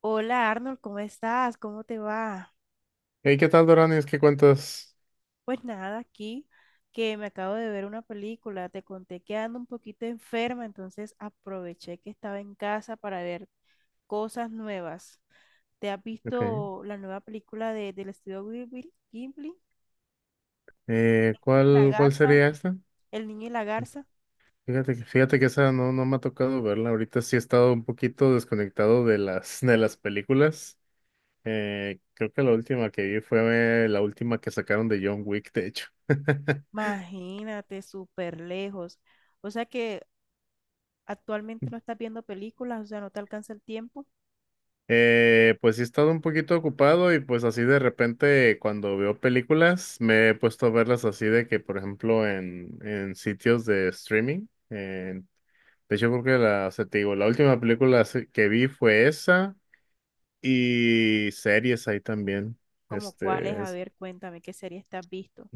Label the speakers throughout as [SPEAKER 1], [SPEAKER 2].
[SPEAKER 1] Hola Arnold, ¿cómo estás? ¿Cómo te va?
[SPEAKER 2] Hey, ¿qué tal, Doranis? ¿Qué cuentas?
[SPEAKER 1] Pues nada, aquí que me acabo de ver una película, te conté que ando un poquito enferma, entonces aproveché que estaba en casa para ver cosas nuevas. ¿Te has
[SPEAKER 2] Ok.
[SPEAKER 1] visto la nueva película del estudio Ghibli?
[SPEAKER 2] Eh,
[SPEAKER 1] El niño y la
[SPEAKER 2] ¿cuál, cuál
[SPEAKER 1] garza.
[SPEAKER 2] sería esta?
[SPEAKER 1] El niño y la garza.
[SPEAKER 2] Fíjate que esa no, no me ha tocado verla. Ahorita sí he estado un poquito desconectado de las, de las películas. Creo que la última que vi fue la última que sacaron de John Wick, de hecho.
[SPEAKER 1] Imagínate, súper lejos. O sea que actualmente no estás viendo películas, o sea, no te alcanza el tiempo.
[SPEAKER 2] Pues sí he estado un poquito ocupado y pues así de repente cuando veo películas me he puesto a verlas así de que, por ejemplo, en sitios de streaming. En De hecho, creo que la, o sea, te digo, la última película así que vi fue esa y series ahí también.
[SPEAKER 1] ¿Como cuáles?
[SPEAKER 2] Este,
[SPEAKER 1] A
[SPEAKER 2] es,
[SPEAKER 1] ver, cuéntame, ¿qué serie estás visto?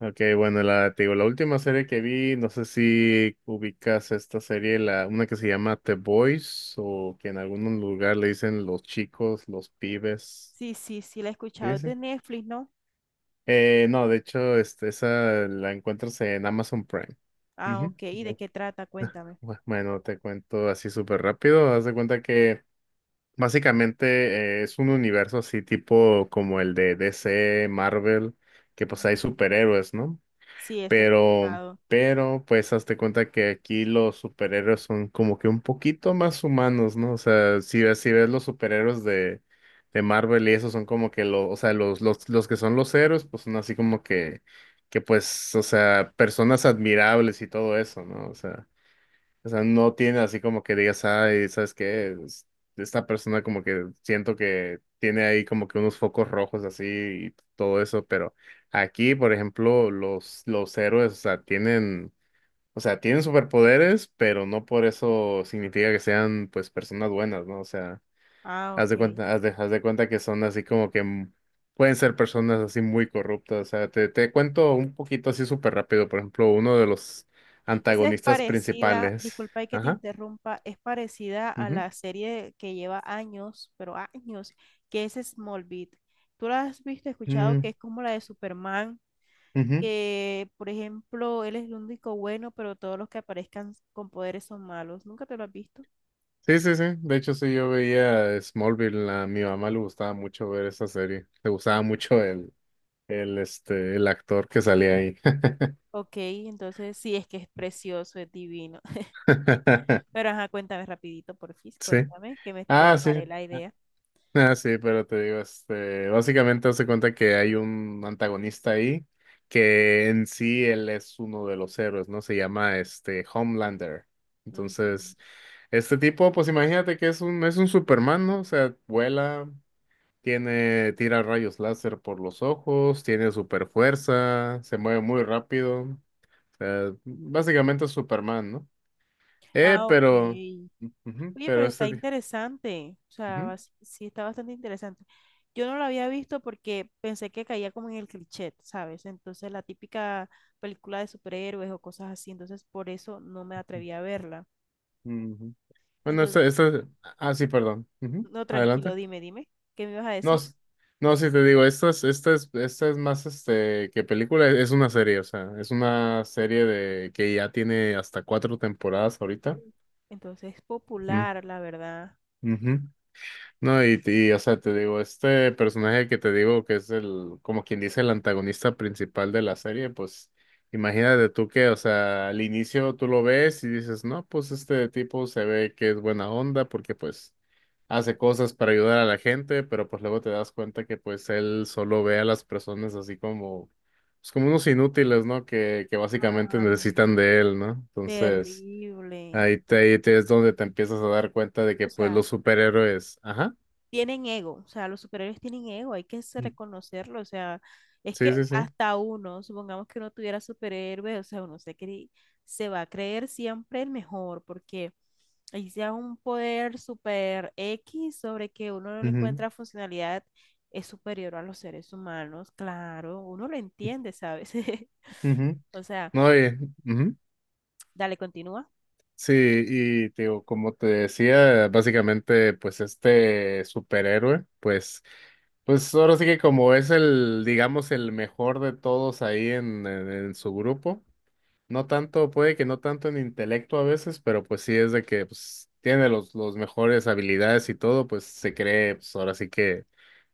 [SPEAKER 2] ok, bueno, la, te digo, la última serie que vi, no sé si ubicas esta serie, la, una que se llama The Boys o que en algún lugar le dicen los chicos, los pibes.
[SPEAKER 1] Sí, sí, sí, la he escuchado.
[SPEAKER 2] ¿Sí?
[SPEAKER 1] Es de
[SPEAKER 2] ¿Sí?
[SPEAKER 1] Netflix, ¿no?
[SPEAKER 2] No, de hecho, esa la encuentras en Amazon Prime.
[SPEAKER 1] Ah,
[SPEAKER 2] Ujú.
[SPEAKER 1] ok. ¿Y de qué trata? Cuéntame.
[SPEAKER 2] Bueno, te cuento así súper rápido. Haz de cuenta que Básicamente, es un universo así tipo como el de DC, Marvel, que
[SPEAKER 1] Ujú.
[SPEAKER 2] pues hay superhéroes, ¿no?
[SPEAKER 1] Sí, eso he
[SPEAKER 2] Pero,
[SPEAKER 1] escuchado.
[SPEAKER 2] pero pues hazte cuenta que aquí los superhéroes son como que un poquito más humanos, ¿no? O sea, si ves los superhéroes de Marvel y esos son como que los, o sea, los que son los héroes, pues son así como que pues, o sea, personas admirables y todo eso, ¿no? O sea, o sea, no tiene así como que digas, ay, ¿sabes qué? Esta persona como que siento que tiene ahí como que unos focos rojos así y todo eso, pero aquí, por ejemplo, los héroes, o sea, tienen superpoderes, pero no por eso significa que sean, pues, personas buenas, ¿no? O sea,
[SPEAKER 1] Ah,
[SPEAKER 2] haz de
[SPEAKER 1] ok.
[SPEAKER 2] cuenta, haz de, haz de cuenta que son así como que pueden ser personas así muy corruptas, o sea, te cuento un poquito así súper rápido, por ejemplo, uno de los
[SPEAKER 1] Esa es
[SPEAKER 2] antagonistas
[SPEAKER 1] parecida,
[SPEAKER 2] principales.
[SPEAKER 1] disculpa y que te
[SPEAKER 2] Ajá.
[SPEAKER 1] interrumpa, es parecida a
[SPEAKER 2] Ujú,
[SPEAKER 1] la serie que lleva años, pero años, que es Smallville. ¿Tú la has visto, escuchado, que
[SPEAKER 2] mm,
[SPEAKER 1] es como la de Superman,
[SPEAKER 2] ujú.
[SPEAKER 1] que, por ejemplo, él es el único bueno, pero todos los que aparezcan con poderes son malos? ¿Nunca te lo has visto?
[SPEAKER 2] Sí, sí, sí. De hecho, sí, yo veía Smallville. A mi mamá le gustaba mucho ver esa serie. Le
[SPEAKER 1] O-
[SPEAKER 2] gustaba mucho el actor que salía ahí.
[SPEAKER 1] Ok, entonces sí, es que es precioso, es divino. Pero ajá, cuéntame rapidito, porfis,
[SPEAKER 2] Sí.
[SPEAKER 1] cuéntame, que me te
[SPEAKER 2] Ah, sí.
[SPEAKER 1] paré la idea.
[SPEAKER 2] Ah, sí, pero te digo, básicamente hace cuenta que hay un antagonista ahí que en sí él es uno de los héroes, ¿no? Se llama este Homelander.
[SPEAKER 1] Ujú.
[SPEAKER 2] Entonces, este tipo, pues imagínate que es un Superman, ¿no? O sea, vuela, tiene, tira rayos láser por los ojos, tiene super fuerza, se mueve muy rápido. O sea, básicamente es Superman, ¿no? Eh,
[SPEAKER 1] Ah, ok.
[SPEAKER 2] pero, ujú,
[SPEAKER 1] Oye,
[SPEAKER 2] pero
[SPEAKER 1] pero está interesante. O
[SPEAKER 2] ujú,
[SPEAKER 1] sea, sí está bastante interesante. Yo no lo había visto porque pensé que caía como en el cliché, ¿sabes? Entonces, la típica película de superhéroes o cosas así. Entonces, por eso no me atreví a verla.
[SPEAKER 2] ujú. Bueno,
[SPEAKER 1] Entonces,
[SPEAKER 2] ah, sí, perdón. Ujú,
[SPEAKER 1] no, tranquilo,
[SPEAKER 2] adelante.
[SPEAKER 1] dime, dime. ¿Qué me ibas a
[SPEAKER 2] No,
[SPEAKER 1] decir?
[SPEAKER 2] s- no, sí te digo, esta es más, que película, es una serie, o sea, es una serie de que ya tiene hasta cuatro temporadas ahorita.
[SPEAKER 1] Entonces, es
[SPEAKER 2] Mm,
[SPEAKER 1] popular, la verdad.
[SPEAKER 2] ujú. No, y, o sea, te digo, este personaje que te digo que es el, como quien dice, el antagonista principal de la serie, pues imagínate tú que, o sea, al inicio tú lo ves y dices, no, pues este tipo se ve que es buena onda porque pues hace cosas para ayudar a la gente, pero pues luego te das cuenta que pues él solo ve a las personas así como, pues como unos inútiles, ¿no? Que básicamente
[SPEAKER 1] Ay,
[SPEAKER 2] necesitan de él, ¿no? Entonces,
[SPEAKER 1] terrible.
[SPEAKER 2] ahí te es donde te empiezas a dar cuenta de
[SPEAKER 1] O
[SPEAKER 2] que pues
[SPEAKER 1] sea,
[SPEAKER 2] los superhéroes, ajá.
[SPEAKER 1] tienen ego, o sea, los superhéroes tienen ego, hay que
[SPEAKER 2] Sí,
[SPEAKER 1] reconocerlo, o sea, es que
[SPEAKER 2] sí, sí.
[SPEAKER 1] hasta uno, supongamos que uno tuviera superhéroes, o sea, uno se va a creer siempre el mejor, porque ahí sea un poder super X sobre que uno no le
[SPEAKER 2] Ujú,
[SPEAKER 1] encuentra funcionalidad, es superior a los seres humanos, claro, uno lo entiende, ¿sabes?
[SPEAKER 2] ujú.
[SPEAKER 1] O sea,
[SPEAKER 2] No, y, ujú.
[SPEAKER 1] dale, continúa.
[SPEAKER 2] Sí, y te digo, como te decía, básicamente, pues este superhéroe, pues ahora sí que como es el, digamos, el mejor de todos ahí en, en su grupo, no tanto, puede que no tanto en intelecto a veces, pero pues sí es de que pues, tiene los mejores habilidades y todo, pues se cree, pues ahora sí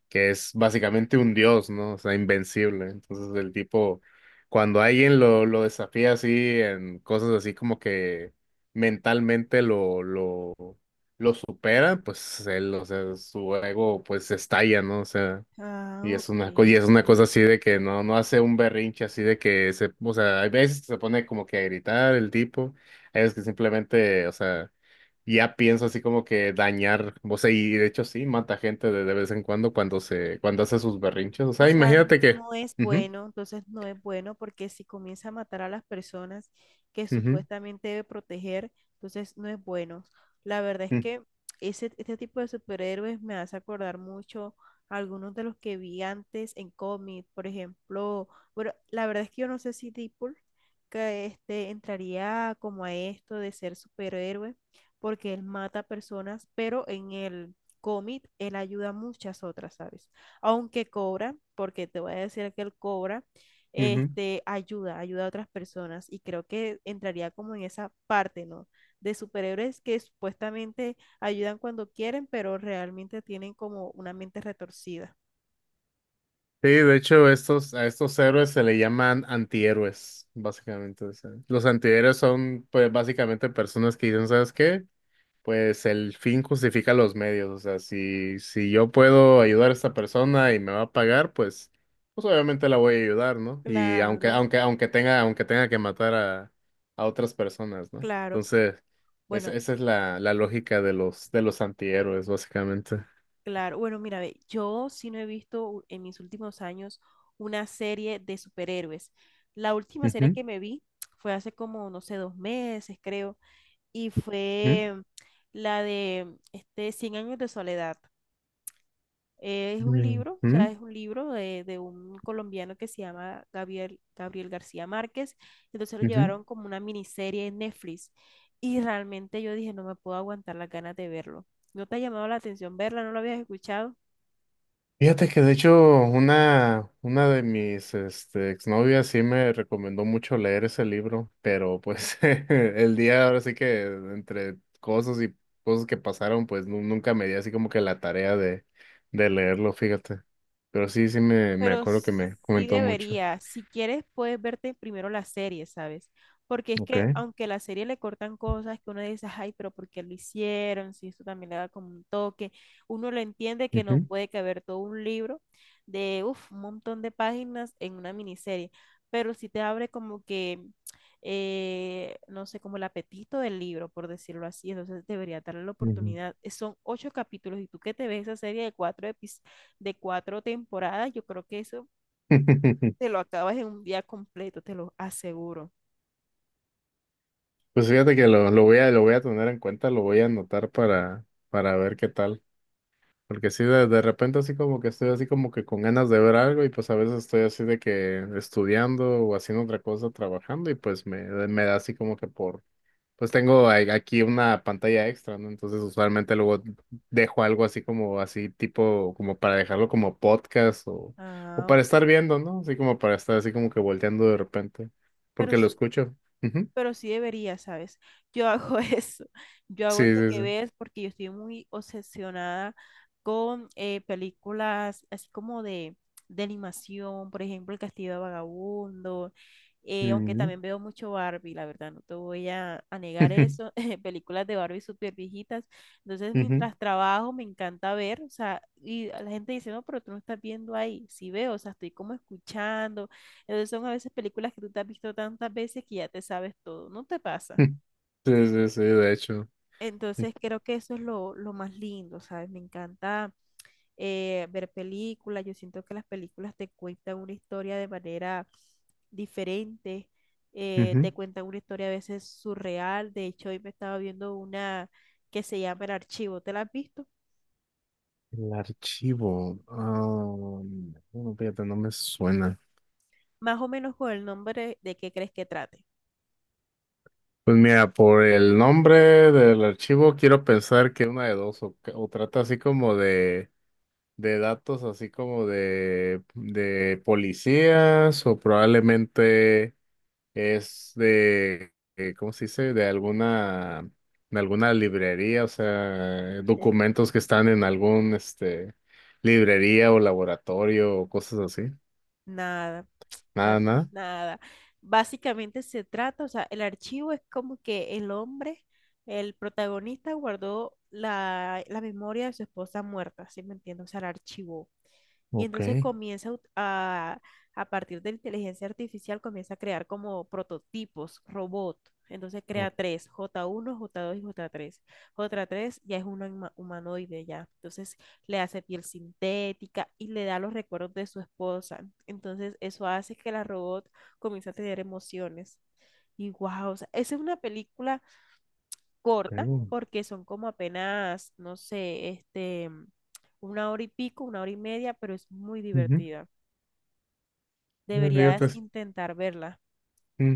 [SPEAKER 2] que es básicamente un dios, ¿no? O sea, invencible. Entonces el tipo, cuando alguien lo desafía así en cosas así como que mentalmente lo supera, pues él, o sea, su ego pues estalla, ¿no? O sea,
[SPEAKER 1] Ah, ok.
[SPEAKER 2] y es una cosa así de que no, no hace un berrinche así de que se, o sea, hay veces que se pone como que a gritar el tipo, hay veces que simplemente, o sea, ya pienso así como que dañar, o sea, y de hecho sí, mata gente de vez en cuando cuando hace sus berrinches, o
[SPEAKER 1] O
[SPEAKER 2] sea,
[SPEAKER 1] sea,
[SPEAKER 2] imagínate que,
[SPEAKER 1] no es
[SPEAKER 2] ujú,
[SPEAKER 1] bueno, entonces no es bueno porque si comienza a matar a las personas que
[SPEAKER 2] ujú,
[SPEAKER 1] supuestamente debe proteger, entonces no es bueno. La verdad es
[SPEAKER 2] mm,
[SPEAKER 1] que ese, este tipo de superhéroes me hace acordar mucho a algunos de los que vi antes en cómic, por ejemplo, bueno, la verdad es que yo no sé si Deadpool que este entraría como a esto de ser superhéroe porque él mata personas, pero en el cómic él ayuda a muchas otras, ¿sabes? Aunque cobra, porque te voy a decir que él cobra,
[SPEAKER 2] ujú.
[SPEAKER 1] este, ayuda a otras personas y creo que entraría como en esa parte, ¿no? De superhéroes que supuestamente ayudan cuando quieren, pero realmente tienen como una mente retorcida.
[SPEAKER 2] Sí, de hecho a estos héroes se le llaman antihéroes, básicamente, o sea, los antihéroes son, pues, básicamente personas que dicen, ¿sabes qué? Pues el fin justifica los medios, o sea, si yo puedo ayudar a esta persona y me va a pagar, pues obviamente la voy a ayudar, ¿no? Y
[SPEAKER 1] Claro,
[SPEAKER 2] aunque tenga que matar a otras personas, ¿no?
[SPEAKER 1] claro.
[SPEAKER 2] Entonces,
[SPEAKER 1] Bueno,
[SPEAKER 2] esa es la, la lógica de los antihéroes, básicamente.
[SPEAKER 1] claro. Bueno, mira, ve, yo sí no he visto en mis últimos años una serie de superhéroes. La última serie
[SPEAKER 2] Ujú,
[SPEAKER 1] que me vi fue hace como, no sé, 2 meses, creo, y
[SPEAKER 2] ujú,
[SPEAKER 1] fue la de este, Cien años de soledad. Es un libro, o sea,
[SPEAKER 2] ujú,
[SPEAKER 1] es un libro de un colombiano que se llama Gabriel García Márquez. Entonces lo
[SPEAKER 2] ujú.
[SPEAKER 1] llevaron como una miniserie en Netflix y realmente yo dije, no me puedo aguantar las ganas de verlo. ¿No te ha llamado la atención verla? ¿No lo habías escuchado?
[SPEAKER 2] Fíjate que de hecho una de mis exnovias sí me recomendó mucho leer ese libro, pero pues el día ahora sí que entre cosas y cosas que pasaron, pues nunca me di así como que la tarea de leerlo, fíjate. Pero sí, me
[SPEAKER 1] Pero
[SPEAKER 2] acuerdo que me
[SPEAKER 1] sí
[SPEAKER 2] comentó mucho.
[SPEAKER 1] debería. Si quieres, puedes verte primero la serie, ¿sabes? Porque es que
[SPEAKER 2] Okay.
[SPEAKER 1] aunque la serie le cortan cosas que uno dice, ay, pero ¿por qué lo hicieron? Si esto también le da como un toque, uno lo entiende que no
[SPEAKER 2] Ujú,
[SPEAKER 1] puede caber todo un libro de, uf, un montón de páginas en una miniserie, pero sí te abre como que, no sé, como el apetito del libro, por decirlo así, entonces debería darle la
[SPEAKER 2] ujú.
[SPEAKER 1] oportunidad. Son 8 capítulos y tú que te ves esa serie de 4 episodios de 4 temporadas, yo creo que eso te lo acabas en un día completo, te lo aseguro.
[SPEAKER 2] Pues fíjate que lo voy a tener en cuenta, lo voy a anotar para ver qué tal. Porque sí, de repente así como que estoy así como que con ganas de ver algo y pues a veces estoy así de que estudiando o haciendo otra cosa, trabajando y pues me da así como que por, pues tengo aquí una pantalla extra, ¿no? Entonces usualmente luego dejo algo así como así tipo, como para dejarlo como podcast o
[SPEAKER 1] Ah,
[SPEAKER 2] para
[SPEAKER 1] ok.
[SPEAKER 2] estar viendo, ¿no? Así como para estar así como que volteando de repente,
[SPEAKER 1] Pero
[SPEAKER 2] porque lo
[SPEAKER 1] sí,
[SPEAKER 2] escucho. Ujú.
[SPEAKER 1] pero sí debería, ¿sabes? Yo hago eso, yo hago
[SPEAKER 2] Sí,
[SPEAKER 1] eso
[SPEAKER 2] sí,
[SPEAKER 1] que
[SPEAKER 2] sí.
[SPEAKER 1] ves porque yo estoy muy obsesionada con películas así como de animación, por ejemplo, El Castillo de Vagabundo, aunque
[SPEAKER 2] Ujú.
[SPEAKER 1] también veo mucho Barbie, la verdad, no te voy a negar eso, películas de Barbie súper viejitas, entonces
[SPEAKER 2] Ujú.
[SPEAKER 1] mientras trabajo me encanta ver, o sea, y la gente dice, no, pero tú no estás viendo ahí, sí veo, o sea, estoy como escuchando entonces son a veces películas que tú te has visto tantas veces que ya te sabes todo, ¿no te pasa?
[SPEAKER 2] Sí, sí, sí, de hecho.
[SPEAKER 1] Entonces creo que eso es lo más lindo, ¿sabes? Me encanta ver películas. Yo siento que las películas te cuentan una historia de manera diferente,
[SPEAKER 2] Ujú.
[SPEAKER 1] te cuentan una historia a veces surreal. De hecho hoy me estaba viendo una que se llama El Archivo, ¿te la has visto?
[SPEAKER 2] El archivo. Ah, bueno, fíjate, no me suena.
[SPEAKER 1] Más o menos con el nombre de qué crees que trate.
[SPEAKER 2] Pues mira, por el nombre del archivo quiero pensar que una de dos, o trata así como de datos, así como de policías, o probablemente es de, ¿cómo se dice? De alguna librería, o sea, documentos que están en algún, librería o laboratorio o cosas así.
[SPEAKER 1] Nada, na-
[SPEAKER 2] Nada, nada.
[SPEAKER 1] nada. Básicamente se trata, o sea, el archivo es como que el hombre, el protagonista guardó la memoria de su esposa muerta, ¿sí me entiendes? O sea, la archivó. Y
[SPEAKER 2] Ok.
[SPEAKER 1] entonces comienza a, a partir de la inteligencia artificial, comienza a crear como prototipos, robot. Entonces crea
[SPEAKER 2] Ok.
[SPEAKER 1] tres, J1 J2 y J3 J3 ya es un humanoide ya. Entonces le hace piel sintética y le da los recuerdos de su esposa. Entonces eso hace que la robot comience a tener emociones. Y wow, o sea, esa es una película corta, porque son como apenas, no sé, este, una hora y pico, una hora y media, pero es muy
[SPEAKER 2] Ujú.
[SPEAKER 1] divertida.
[SPEAKER 2] Fíjate,
[SPEAKER 1] Deberías intentar verla.
[SPEAKER 2] mm,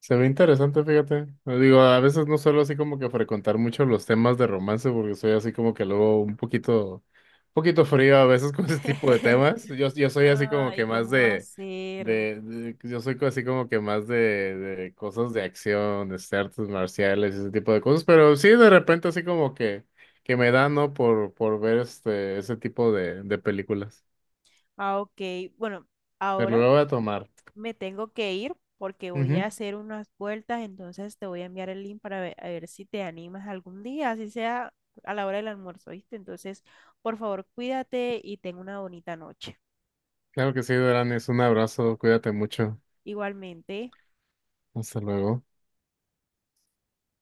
[SPEAKER 2] se ve interesante, fíjate. Digo, a veces no suelo así como que frecuentar mucho los temas de romance porque soy así como que luego un poquito frío a veces con ese tipo de temas. Yo soy así como
[SPEAKER 1] Ay,
[SPEAKER 2] que más
[SPEAKER 1] ¿cómo va a ser?
[SPEAKER 2] de- yo soy así como que más de cosas de acción, de artes marciales, ese tipo de cosas. Pero sí, de repente así como que me da, ¿no? Por ver ese tipo de películas.
[SPEAKER 1] Ah, ok. Bueno,
[SPEAKER 2] Pero
[SPEAKER 1] ahora
[SPEAKER 2] lo voy a tomar.
[SPEAKER 1] me tengo que ir porque voy a hacer unas vueltas, entonces te voy a enviar el link para ver, a ver si te animas algún día, así sea a la hora del almuerzo, ¿viste? Entonces, por favor, cuídate y ten una bonita noche.
[SPEAKER 2] Claro que sí, Duran, es un abrazo, cuídate mucho.
[SPEAKER 1] Igualmente.
[SPEAKER 2] Hasta luego.